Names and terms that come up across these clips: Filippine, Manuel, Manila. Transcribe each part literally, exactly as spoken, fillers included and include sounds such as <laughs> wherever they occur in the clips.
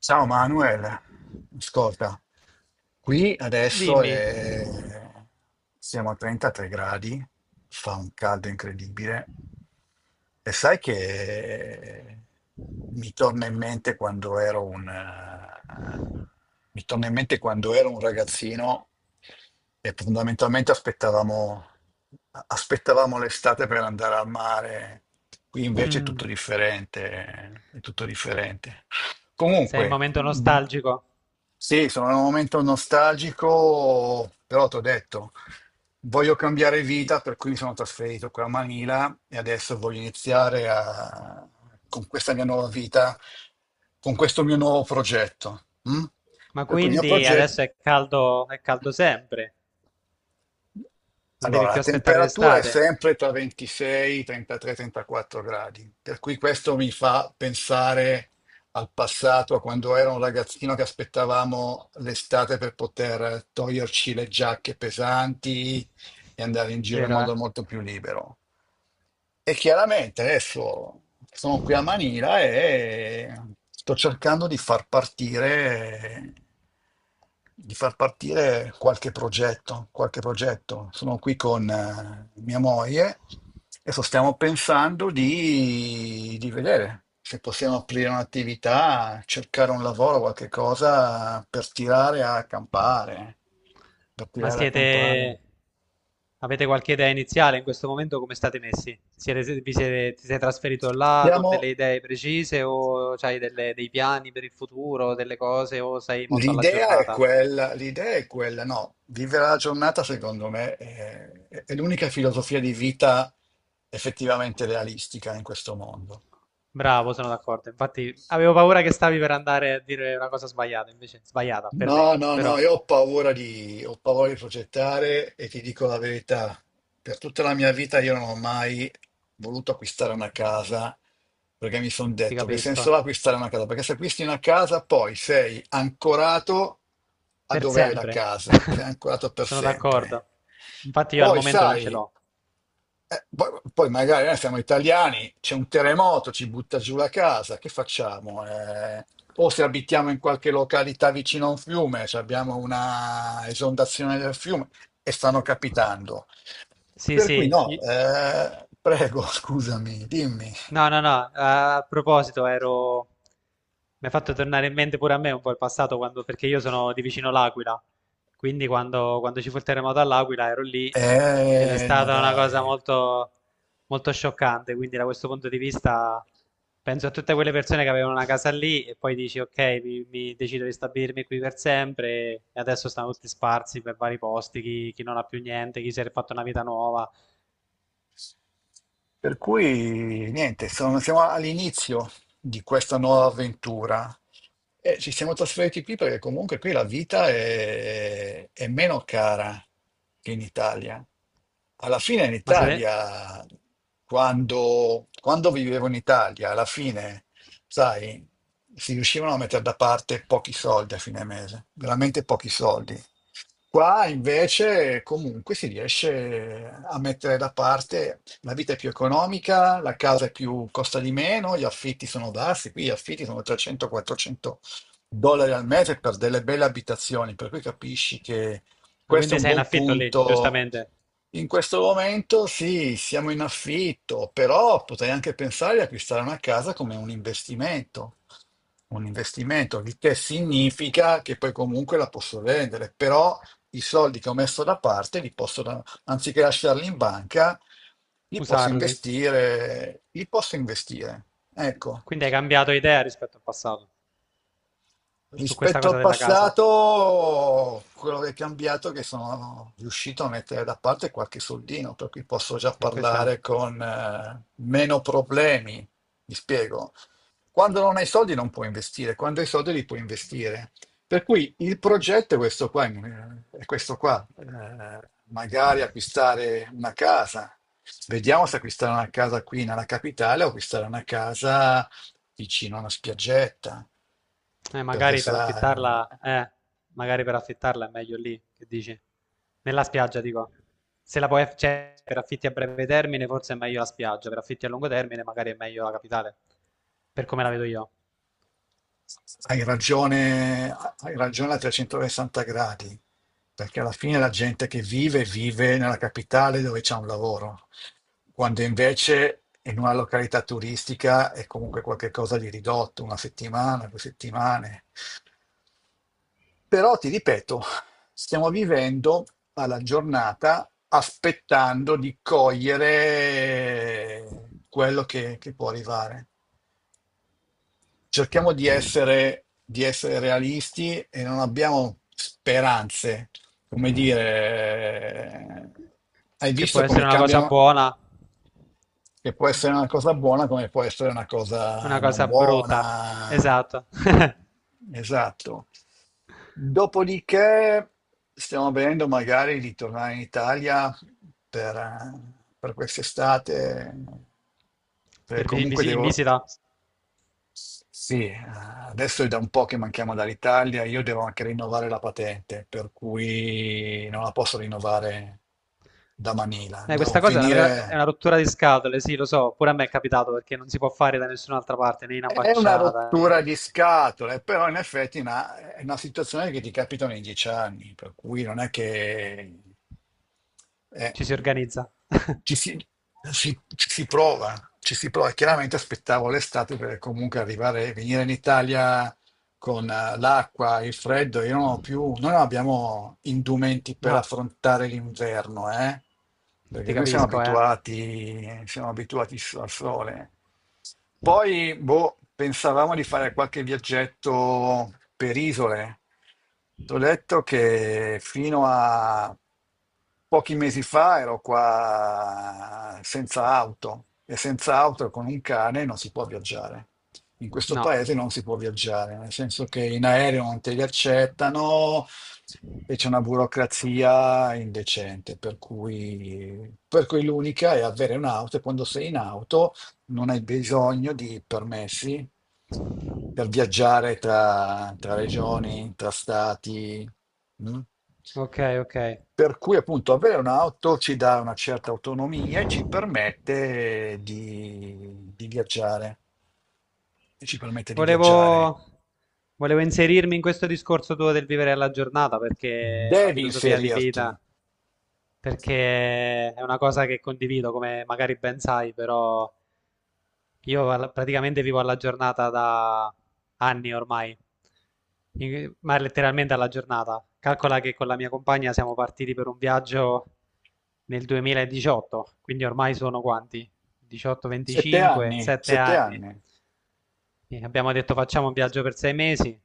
Ciao Manuel, ascolta. Qui adesso Dimmi. è- siamo a trentatré gradi, fa un caldo incredibile. E sai che mi torna in mente quando ero un, eh, mi torna in mente quando ero un ragazzino e fondamentalmente aspettavamo, aspettavamo l'estate per andare al mare. Qui invece è Mm. tutto differente, è tutto differente. Sei in Comunque, momento nostalgico? sì, sono in un momento nostalgico, però ti ho detto, voglio cambiare vita, per cui mi sono trasferito qui a Manila e adesso voglio iniziare a- con questa mia nuova vita, con questo mio nuovo progetto. Mm? Ma Per cui il mio quindi progetto. adesso è caldo, è caldo sempre, non devi Allora, più la aspettare temperatura è l'estate, sempre tra ventisei, trentatré, trentaquattro gradi, per cui questo mi fa pensare al passato, a quando ero un ragazzino che aspettavamo l'estate per poter toglierci le giacche pesanti e andare in giro in vero, eh? modo molto più libero. E chiaramente adesso sono qui a Manila e sto cercando di far partire, di far partire qualche progetto, qualche progetto. Sono qui con eh, mia moglie e so- stiamo pensando di, di vedere se possiamo aprire un'attività, cercare un lavoro, qualche cosa per tirare a campare, per Ma tirare a campare. siete, avete qualche idea iniziale in questo momento? Come state messi? Siete, vi siete, ti sei trasferito là con delle Stiamo. idee precise o hai dei piani per il futuro, delle cose, o sei molto alla L'idea è giornata? quella, l'idea è quella, no, vivere la giornata secondo me è, è l'unica filosofia di vita effettivamente realistica in questo mondo. Bravo, sono d'accordo. Infatti, avevo paura che stavi per andare a dire una cosa sbagliata, invece sbagliata per me, No, no, no, però... io ho paura di, ho paura di progettare e ti dico la verità. Per tutta la mia vita io non ho mai voluto acquistare una casa perché mi sono Ti detto che senso capisco. ha acquistare una casa? Perché se acquisti una casa poi sei ancorato a Per dove hai la sempre. casa, sei <laughs> ancorato per Sono sempre. d'accordo. Infatti io al Poi momento non ce sai. l'ho. Eh, poi, poi magari noi siamo italiani, c'è un terremoto, ci butta giù la casa, che facciamo? Eh, o se abitiamo in qualche località vicino a un fiume, cioè abbiamo una esondazione del fiume e stanno capitando. Sì, Per cui sì. no, i- eh, prego, <laughs> scusami, dimmi. No, no, no, eh, a proposito, ero. Mi ha fatto tornare in mente pure a me un po' il passato, quando- perché io sono di vicino l'Aquila, quindi quando, quando ci fu il terremoto all'Aquila ero lì, ed è Eh, ma stata una dai. cosa molto, molto scioccante. Quindi da questo punto di vista penso a tutte quelle persone che avevano una casa lì e poi dici ok, mi, mi decido di stabilirmi qui per sempre, e adesso stanno tutti sparsi per vari posti, chi, chi non ha più niente, chi si è fatto una vita nuova. Per cui niente, sono- siamo all'inizio di questa nuova avventura. E ci siamo trasferiti qui perché comunque qui la vita è, è meno cara che in Italia. Alla fine in ma, siete... Italia, quando, quando vivevo in Italia, alla fine, sai, si riuscivano a mettere da parte pochi soldi a fine mese, veramente pochi soldi. Qua invece comunque si riesce a mettere da parte, la vita è più economica, la casa è più, costa di meno, gli affitti sono bassi, qui gli affitti sono trecento quattrocento dollari al mese per delle belle abitazioni, per cui capisci che ma questo è quindi un sei in buon affitto lì, punto. giustamente? In questo momento sì, siamo in affitto, però potrei anche pensare di acquistare una casa come un investimento. Un investimento, il che significa che poi comunque la posso vendere, però i soldi che ho messo da parte li posso da- anziché lasciarli in banca, li posso Usarli. investire, li posso investire. Ecco. Quindi hai cambiato idea rispetto al passato su questa Rispetto al cosa della casa. passato, quello che è cambiato è che sono riuscito a mettere da parte qualche soldino, per cui posso già E questa, parlare con eh, meno problemi. Mi spiego. Quando non hai soldi non puoi investire, quando hai soldi li puoi investire. Per cui il progetto è questo qua, eh, è questo qua. Eh, magari acquistare una casa. Vediamo se acquistare una casa qui nella capitale o acquistare una casa vicino a una spiaggetta, eh, perché magari per sai, affittarla, eh, magari per affittarla è meglio lì, che dici? Nella spiaggia, dico. Se la puoi, aff- cioè, per affitti a breve termine forse è meglio la spiaggia, per affitti a lungo termine magari è meglio la capitale, per come la vedo io. hai ragione, hai ragione a trecentosessanta gradi, perché alla fine la gente che vive vive nella capitale dove c'è un lavoro, quando invece in una località turistica è comunque qualcosa di ridotto, una settimana, due settimane. Però ti ripeto, stiamo vivendo alla giornata aspettando di cogliere quello che, che può arrivare. Cerchiamo di essere, di essere realisti e non abbiamo speranze. Come dire, eh, hai Che può visto essere come una cosa cambiano? buona, Che può essere una cosa buona come può essere una cosa una non cosa brutta. buona. Esatto. <laughs> Esatto. Dopodiché stiamo vedendo magari di tornare in Italia per, eh, per quest'estate, perché Per vi- comunque visi- In devo. visita. Sì, eh, adesso è da un po' che manchiamo dall'Italia, io devo anche rinnovare la patente, per cui non la posso rinnovare da Manila. Eh, questa Devo cosa è una, vera- è finire. una rottura di scatole, sì, lo so, pure a me è capitato, perché non si può fare da nessun'altra parte, né in È una ambasciata, rottura né. di scatole, però in effetti è una, è una situazione che ti capita ogni dieci anni, per cui non è che eh, Ci si organizza. ci si, si- ci si prova, ci si prova. Chiaramente aspettavo l'estate per comunque arrivare, venire in Italia con eh, l'acqua, il freddo, io non ho più, noi non abbiamo indumenti per No, affrontare l'inverno, eh? ti Perché noi siamo capisco, eh. abituati, siamo abituati al sole. Poi, boh, pensavamo di fare qualche viaggetto per isole. T'ho detto che fino a pochi mesi fa ero qua senza auto e senza auto e con un cane non si può viaggiare. In questo No, paese non si può viaggiare, nel senso che in aereo non te li accettano e c'è una burocrazia indecente, per cui, per cui l'unica è avere un'auto e quando sei in auto non hai bisogno di permessi per viaggiare tra, tra regioni, tra stati. Mm? ok, ok. Per cui appunto avere un'auto ci dà una certa autonomia e ci permette di, di viaggiare. E ci permette di viaggiare. Volevo, volevo inserirmi in questo discorso tuo del vivere alla giornata, perché è una Devi filosofia di inserirti. vita, perché è una cosa che condivido, come magari ben sai, però. Io alla- praticamente vivo alla giornata da anni ormai. In- ma letteralmente alla giornata. Calcola che con la mia compagna siamo partiti per un viaggio nel duemiladiciotto, quindi ormai sono quanti? diciotto, Sette venticinque, anni, sette sette anni. anni. E abbiamo detto facciamo un viaggio per sei mesi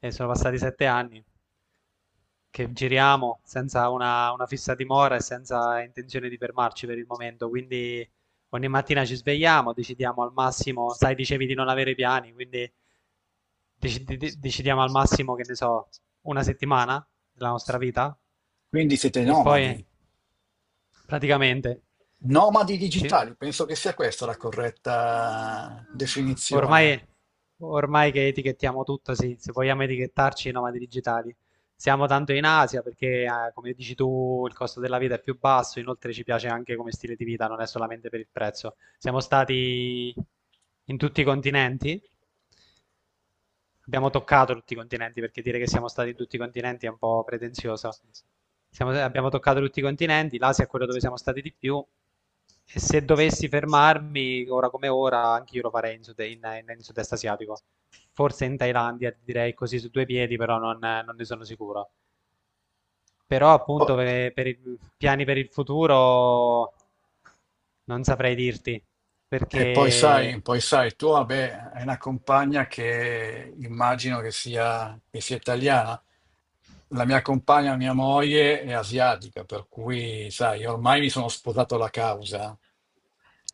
e sono passati sette anni che giriamo senza una, una fissa dimora e senza intenzione di fermarci per il momento. Quindi ogni mattina ci svegliamo, decidiamo al massimo, sai, dicevi di non avere piani, quindi deci- de- decidiamo al massimo, che ne so, una settimana della nostra vita. Quindi siete E poi nomadi. praticamente Nomadi sì. digitali, penso che sia questa la corretta definizione. Ormai, ormai che etichettiamo tutto, sì, se vogliamo etichettarci, i nomadi digitali. Siamo tanto in Asia perché, eh, come dici tu, il costo della vita è più basso, inoltre ci piace anche come stile di vita, non è solamente per il prezzo. Siamo stati in tutti i continenti. Abbiamo toccato tutti i continenti, perché dire che siamo stati in tutti i continenti è un po' pretenzioso. Siamo- abbiamo toccato tutti i continenti, l'Asia è quello dove siamo stati di più. E se dovessi fermarmi, ora come ora, anche io lo farei in, sud- in- in- in sud-est asiatico. Forse in Thailandia, direi così su due piedi, però non, non ne sono sicuro. Però Po- appunto per, per i piani per il futuro non saprei dirti, E poi perché sai, poi sai, tu vabbè, hai una compagna che immagino che sia, che sia italiana. La mia compagna, mia moglie, è asiatica, per cui, sai, ormai mi sono sposato la causa.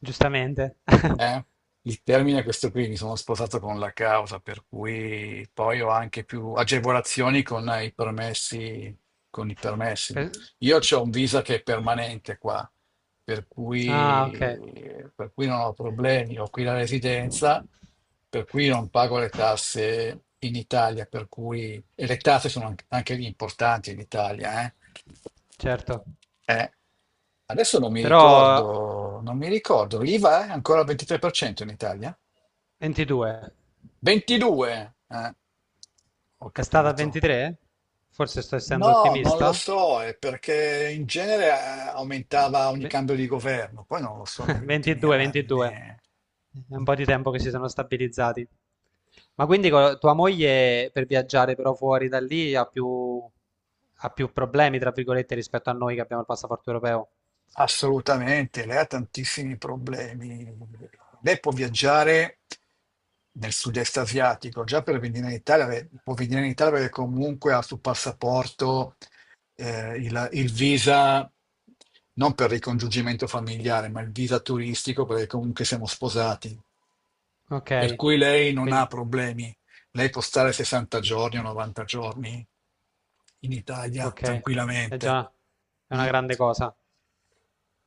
giustamente... <laughs> Eh, il termine è questo qui, mi sono sposato con la causa, per cui poi ho anche più agevolazioni con i permessi, con i permessi. Per- Io ho un visa che è permanente qua, per Ah, ok. cui, per cui non ho problemi, ho qui la residenza, per cui non pago le tasse in Italia, per cui, e le tasse sono anche, anche lì importanti in Italia, eh. Certo, Eh, Adesso non mi però ricordo, non mi ricordo, l'IVA è ancora al ventitré per cento in Italia? ventidue. ventidue? Eh, ho È stata capito. ventitré? Forse sto essendo No, non lo ottimista? so, è perché in genere eh, aumentava ogni Ve- cambio di governo, poi non lo so negli <laughs> ultimi ventidue, anni. ventidue, è un po' di tempo che si sono stabilizzati. Ma quindi co- tua moglie per viaggiare però fuori da lì ha più, ha più problemi, tra virgolette, rispetto a noi che abbiamo il passaporto europeo? Assolutamente, lei ha tantissimi problemi. Lei può viaggiare nel sud-est asiatico, già per venire in Italia, beh, può venire in Italia perché comunque ha sul passaporto eh, il, il visa, non per ricongiungimento familiare, ma il visa turistico perché comunque siamo sposati. Ok, Per cui lei non ha quindi, problemi. Lei può stare sessanta giorni o novanta giorni in Italia ok, è tranquillamente. già. È una Mm. grande cosa.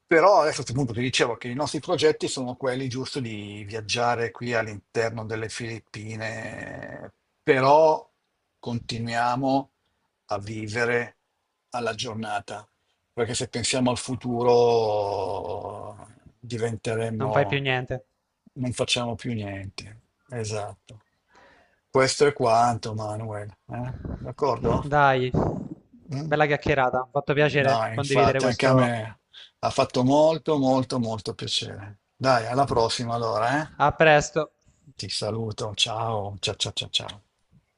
Però adesso a questo punto ti dicevo che i nostri progetti sono quelli, giusto di viaggiare qui all'interno delle Filippine, però continuiamo a vivere alla giornata, perché se pensiamo al futuro Non fai più diventeremo, niente. non facciamo più niente. Esatto. Questo è quanto, Manuel. Eh? D'accordo? Dai, Mm. bella chiacchierata, mi ha fatto piacere No, condividere infatti, anche a questo. me ha fatto molto, molto, molto piacere. Dai, alla prossima allora, eh? A presto. Ti saluto, ciao, ciao, ciao, ciao, ciao.